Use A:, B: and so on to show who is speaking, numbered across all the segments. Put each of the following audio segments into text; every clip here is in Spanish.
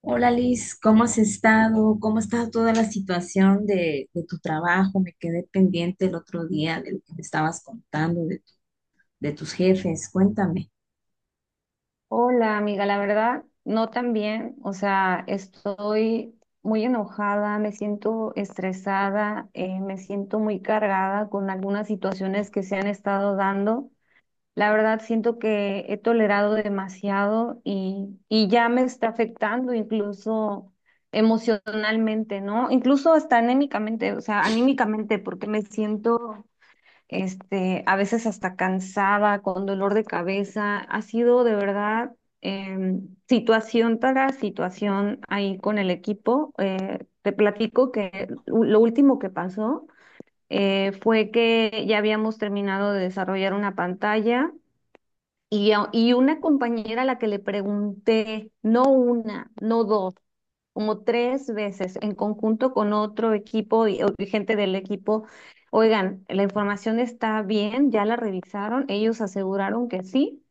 A: Hola Liz, ¿cómo has estado? ¿Cómo está toda la situación de tu trabajo? Me quedé pendiente el otro día de lo que me estabas contando de tus jefes. Cuéntame.
B: Hola, amiga, la verdad, no tan bien. O sea, estoy muy enojada, me siento estresada, me siento muy cargada con algunas situaciones que se han estado dando. La verdad, siento que he tolerado demasiado y ya me está afectando incluso emocionalmente, ¿no? Incluso hasta anímicamente, o sea, anímicamente, porque me siento este, a veces hasta cansada, con dolor de cabeza. Ha sido de verdad situación tras situación ahí con el equipo. Te platico que lo último que pasó fue que ya habíamos terminado de desarrollar una pantalla. Y una compañera a la que le pregunté, no una, no dos, como tres veces en conjunto con otro equipo y gente del equipo. Oigan, la información está bien, ya la revisaron, ellos aseguraron que sí.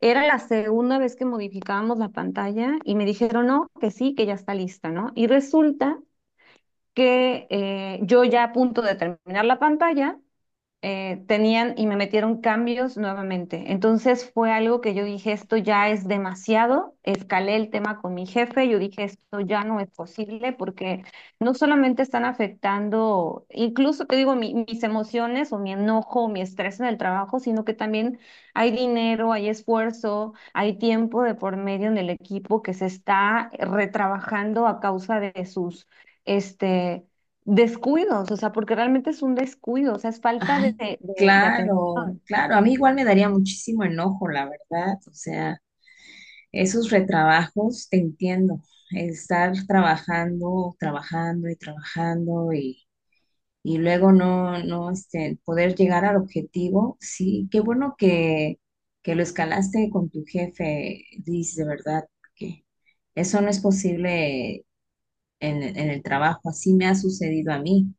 B: Era la segunda vez que modificábamos la pantalla y me dijeron no, que sí, que ya está lista, ¿no? Y resulta que yo ya a punto de terminar la pantalla tenían y me metieron cambios nuevamente. Entonces fue algo que yo dije, esto ya es demasiado, escalé el tema con mi jefe, yo dije, esto ya no es posible porque no solamente están afectando, incluso te digo, mis emociones o mi enojo o mi estrés en el trabajo, sino que también hay dinero, hay esfuerzo, hay tiempo de por medio en el equipo que se está retrabajando a causa de sus Este, descuidos, o sea, porque realmente es un descuido, o sea, es falta de,
A: Ay,
B: de, de
A: claro,
B: atención.
A: claro. A mí igual me daría muchísimo enojo, la verdad. O sea, esos retrabajos, te entiendo. Estar trabajando, trabajando y trabajando y luego no poder llegar al objetivo. Sí, qué bueno que lo escalaste con tu jefe, Liz, de verdad, que eso no es posible en el trabajo, así me ha sucedido a mí.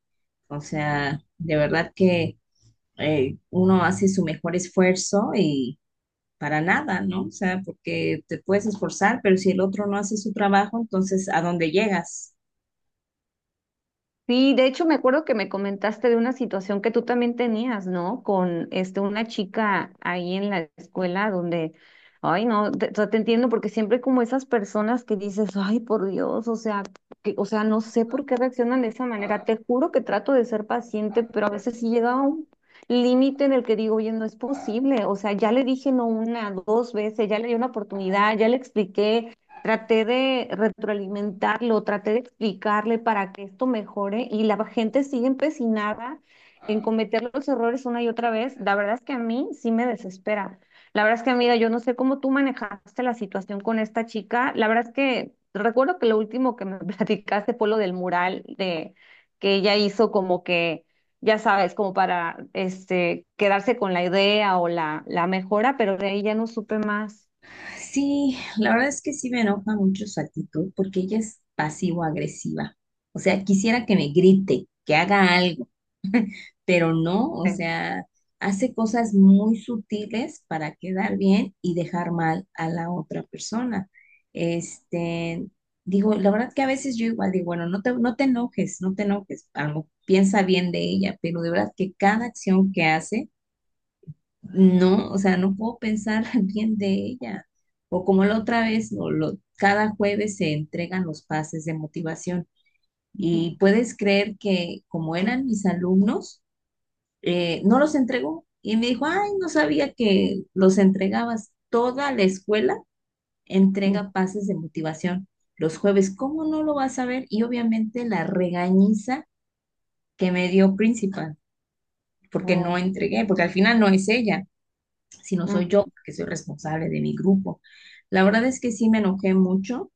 A: O sea, de verdad que uno hace su mejor esfuerzo y para nada, ¿no? O sea, porque te puedes esforzar, pero si el otro no hace su trabajo, entonces ¿a dónde llegas?
B: Sí, de hecho me acuerdo que me comentaste de una situación que tú también tenías, ¿no? Con este una chica ahí en la escuela donde, ay, no, te, o sea, te entiendo porque siempre hay como esas personas que dices, ay, por Dios, o sea, que, o sea, no sé por qué reaccionan de esa manera. Te juro que trato de ser paciente, pero a veces sí llega a un límite en el que digo, oye, no es posible, o sea, ya le dije no una, dos veces, ya le di una oportunidad, ya le expliqué. Traté de retroalimentarlo, traté de explicarle para que esto mejore y la gente sigue empecinada en cometer los errores una y otra vez. La verdad es que a mí sí me desespera. La verdad es que, amiga, yo no sé cómo tú manejaste la situación con esta chica. La verdad es que recuerdo que lo último que me platicaste fue lo del mural de que ella hizo como que, ya sabes, como para este quedarse con la idea o la mejora, pero de ahí ya no supe más.
A: Sí, la verdad es que sí me enoja mucho su actitud porque ella es pasivo-agresiva. O sea, quisiera que me grite, que haga algo, pero no, o
B: Sí.
A: sea, hace cosas muy sutiles para quedar bien y dejar mal a la otra persona. Este, digo, la verdad que a veces yo igual digo, bueno, no te enojes, no te enojes, algo, piensa bien de ella, pero de verdad que cada acción que hace no, o sea, no puedo pensar bien de ella. O como la otra vez, cada jueves se entregan los pases de motivación. Y puedes creer que como eran mis alumnos, no los entregó. Y me dijo, ay, no sabía que los entregabas. Toda la escuela
B: Ujú.
A: entrega pases de motivación los jueves. ¿Cómo no lo vas a ver? Y obviamente la regañiza que me dio principal, porque no
B: Mm.
A: entregué, porque al final no es ella, si no soy yo,
B: Ujú,
A: porque soy responsable de mi grupo. La verdad es que sí me enojé mucho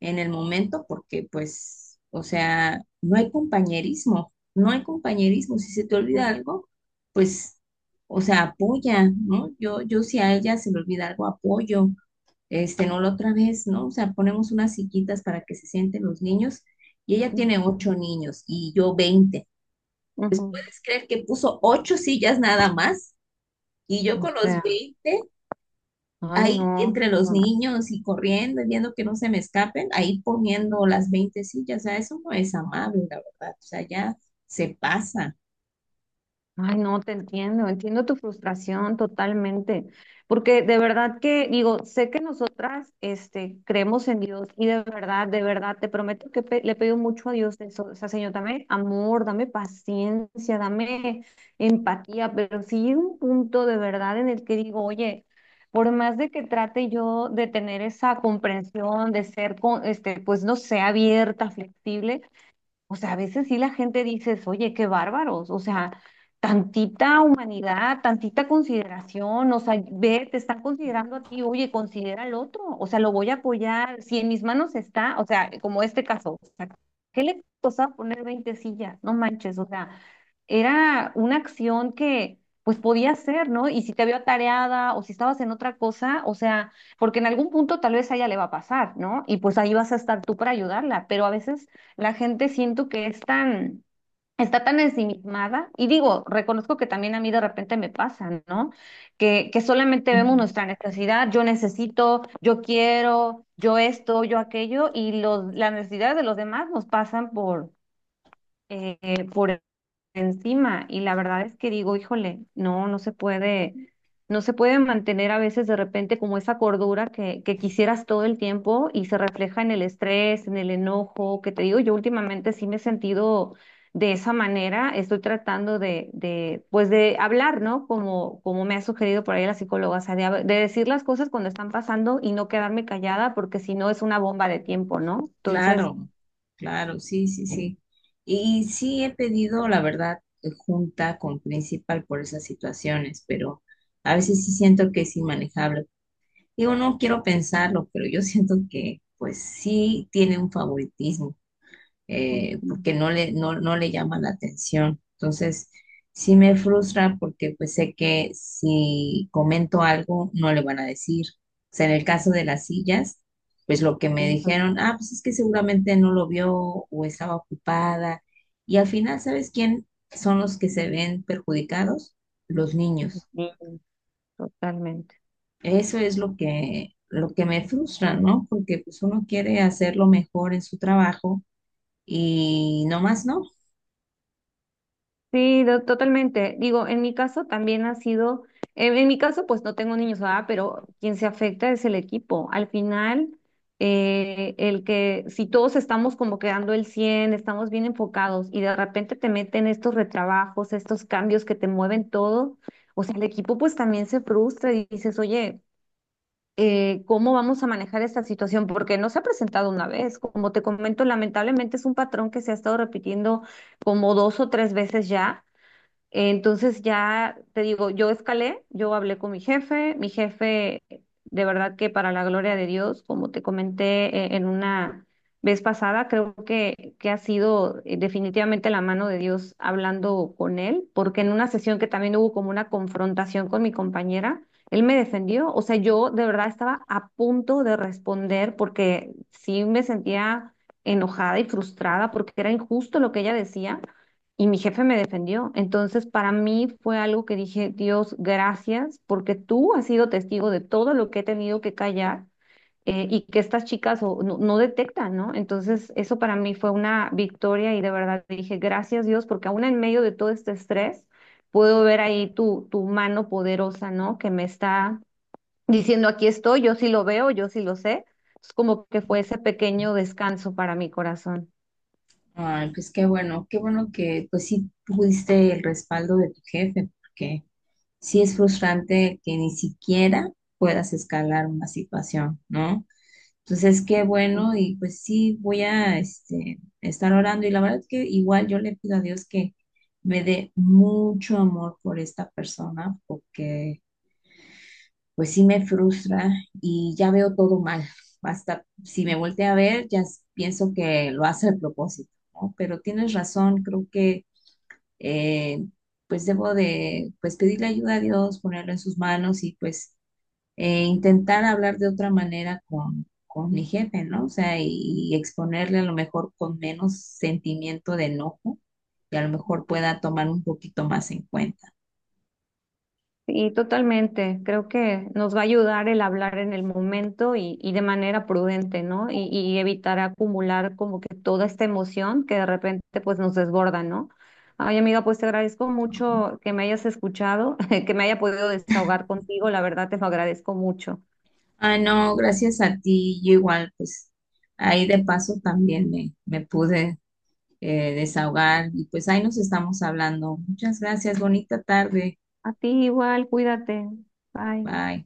A: en el momento porque pues, o sea, no hay compañerismo, no hay compañerismo. Si se te olvida algo, pues, o sea, apoya, ¿no? Yo si a ella se le olvida algo, apoyo. No la otra vez, ¿no? O sea, ponemos unas sillitas para que se sienten los niños y ella tiene
B: ujú,
A: ocho niños y yo 20.
B: ujú.
A: ¿Puedes creer que puso ocho sillas nada más? Y yo
B: O
A: con los
B: sea,
A: 20
B: ay
A: ahí
B: no,
A: entre los
B: no.
A: niños y corriendo y viendo que no se me escapen, ahí poniendo las 20 sillas, o sea, eso no es amable, la verdad, o sea, ya se pasa.
B: Ay, no, te entiendo, entiendo tu frustración totalmente, porque de verdad que digo, sé que nosotras este, creemos en Dios y de verdad, te prometo que le pido mucho a Dios de eso, o sea, Señor, dame amor, dame paciencia, dame empatía, pero sí llega un punto de verdad en el que digo, oye, por más de que trate yo de tener esa comprensión, de ser, con, este, pues no sé, abierta, flexible. O sea, a veces sí la gente dices oye, qué bárbaros, o sea, tantita humanidad, tantita consideración, o sea, ve, te están considerando a ti, oye, considera al otro, o sea, lo voy a apoyar, si en mis manos está, o sea, como este caso, o sea, ¿qué le costaba poner 20 sillas? No manches, o sea, era una acción que pues podía hacer, ¿no? Y si te vio atareada o si estabas en otra cosa, o sea, porque en algún punto tal vez a ella le va a pasar, ¿no? Y pues ahí vas a estar tú para ayudarla, pero a veces la gente siento que es tan, está tan ensimismada, y digo, reconozco que también a mí de repente me pasa, ¿no? Que solamente vemos
A: Ujú.
B: nuestra necesidad, yo necesito, yo quiero, yo esto, yo aquello, y los, las necesidades de los demás nos pasan eh, por encima. Y la verdad es que digo, híjole, no, no se puede, no se puede mantener a veces de repente como esa cordura que quisieras todo el tiempo y se refleja en el estrés, en el enojo, que te digo, yo últimamente sí me he sentido de esa manera, estoy tratando de pues de hablar, ¿no? Como, como me ha sugerido por ahí la psicóloga, o sea, de decir las cosas cuando están pasando y no quedarme callada porque si no es una bomba de tiempo, ¿no? Entonces.
A: Claro, claro, sí, sí, sí. Y sí he pedido, la verdad, junta con principal por esas situaciones, pero a veces sí siento que es inmanejable. Digo, no quiero pensarlo, pero yo siento que pues sí tiene un favoritismo,
B: Ujú,
A: porque no le llama la atención. Entonces, sí me frustra porque pues sé que si comento algo, no le van a decir. O sea, en el caso de las sillas, pues lo que me
B: ujú,
A: dijeron, ah, pues es que seguramente no lo vio o estaba ocupada. Y al final, ¿sabes quién son los que se ven perjudicados? Los
B: ujú.
A: niños.
B: Sí, totalmente.
A: Eso es lo que me frustra, ¿no? Porque pues uno quiere hacerlo mejor en su trabajo y no más, ¿no?
B: Sí, totalmente. Digo, en mi caso también ha sido, en mi caso pues no tengo niños, ¿verdad? Pero quien se afecta es el equipo. Al final, el que si todos estamos como quedando el 100, estamos bien enfocados y de repente te meten estos retrabajos, estos cambios que te mueven todo, o sea, el equipo pues también se frustra y dices, oye, ¿cómo vamos a manejar esta situación? Porque no se ha presentado una vez. Como te comento, lamentablemente es un patrón que se ha estado repitiendo como 2 o 3 veces ya. Entonces ya te digo, yo escalé, yo hablé con mi jefe, de verdad que para la gloria de Dios, como te comenté en una vez pasada, creo que ha sido definitivamente la mano de Dios hablando con él, porque en una sesión que también hubo como una confrontación con mi compañera, él me defendió, o sea, yo de verdad estaba a punto de responder porque sí me sentía enojada y frustrada porque era injusto lo que ella decía. Y mi jefe me defendió. Entonces, para mí fue algo que dije, Dios, gracias, porque tú has sido testigo de todo lo que he tenido que callar y que estas chicas no, no detectan, ¿no? Entonces, eso para mí fue una victoria y de verdad dije, gracias Dios, porque aún en medio de todo este estrés, puedo ver ahí tu mano poderosa, ¿no? Que me está diciendo, aquí estoy, yo sí lo veo, yo sí lo sé. Es como que fue ese pequeño descanso para mi corazón.
A: Ay, pues qué bueno que pues sí tuviste el respaldo de tu jefe, porque sí es frustrante que ni siquiera puedas escalar una situación, ¿no? Entonces, qué bueno y pues sí voy a estar orando y la verdad es que igual yo le pido a Dios que me dé mucho amor por esta persona, porque pues sí me frustra y ya veo todo mal. Hasta si me voltea a ver, ya pienso que lo hace a propósito, ¿no? Pero tienes razón, creo que eh, pues debo de pues pedirle ayuda a Dios, ponerlo en sus manos y pues intentar hablar de otra manera con mi jefe, ¿no? O sea, y exponerle a lo mejor con menos sentimiento de enojo y a lo mejor pueda tomar un poquito más en cuenta.
B: Y totalmente, creo que nos va a ayudar el hablar en el momento y de manera prudente, ¿no? Y evitar acumular como que toda esta emoción que de repente pues nos desborda, ¿no? Ay, amiga, pues te agradezco
A: ¿No?
B: mucho que me hayas escuchado, que me haya podido desahogar contigo, la verdad te lo agradezco mucho.
A: Ah, no, gracias a ti, yo igual, pues ahí de paso también me pude desahogar y pues ahí nos estamos hablando. Muchas gracias, bonita tarde.
B: A ti igual, cuídate. Bye.
A: Bye.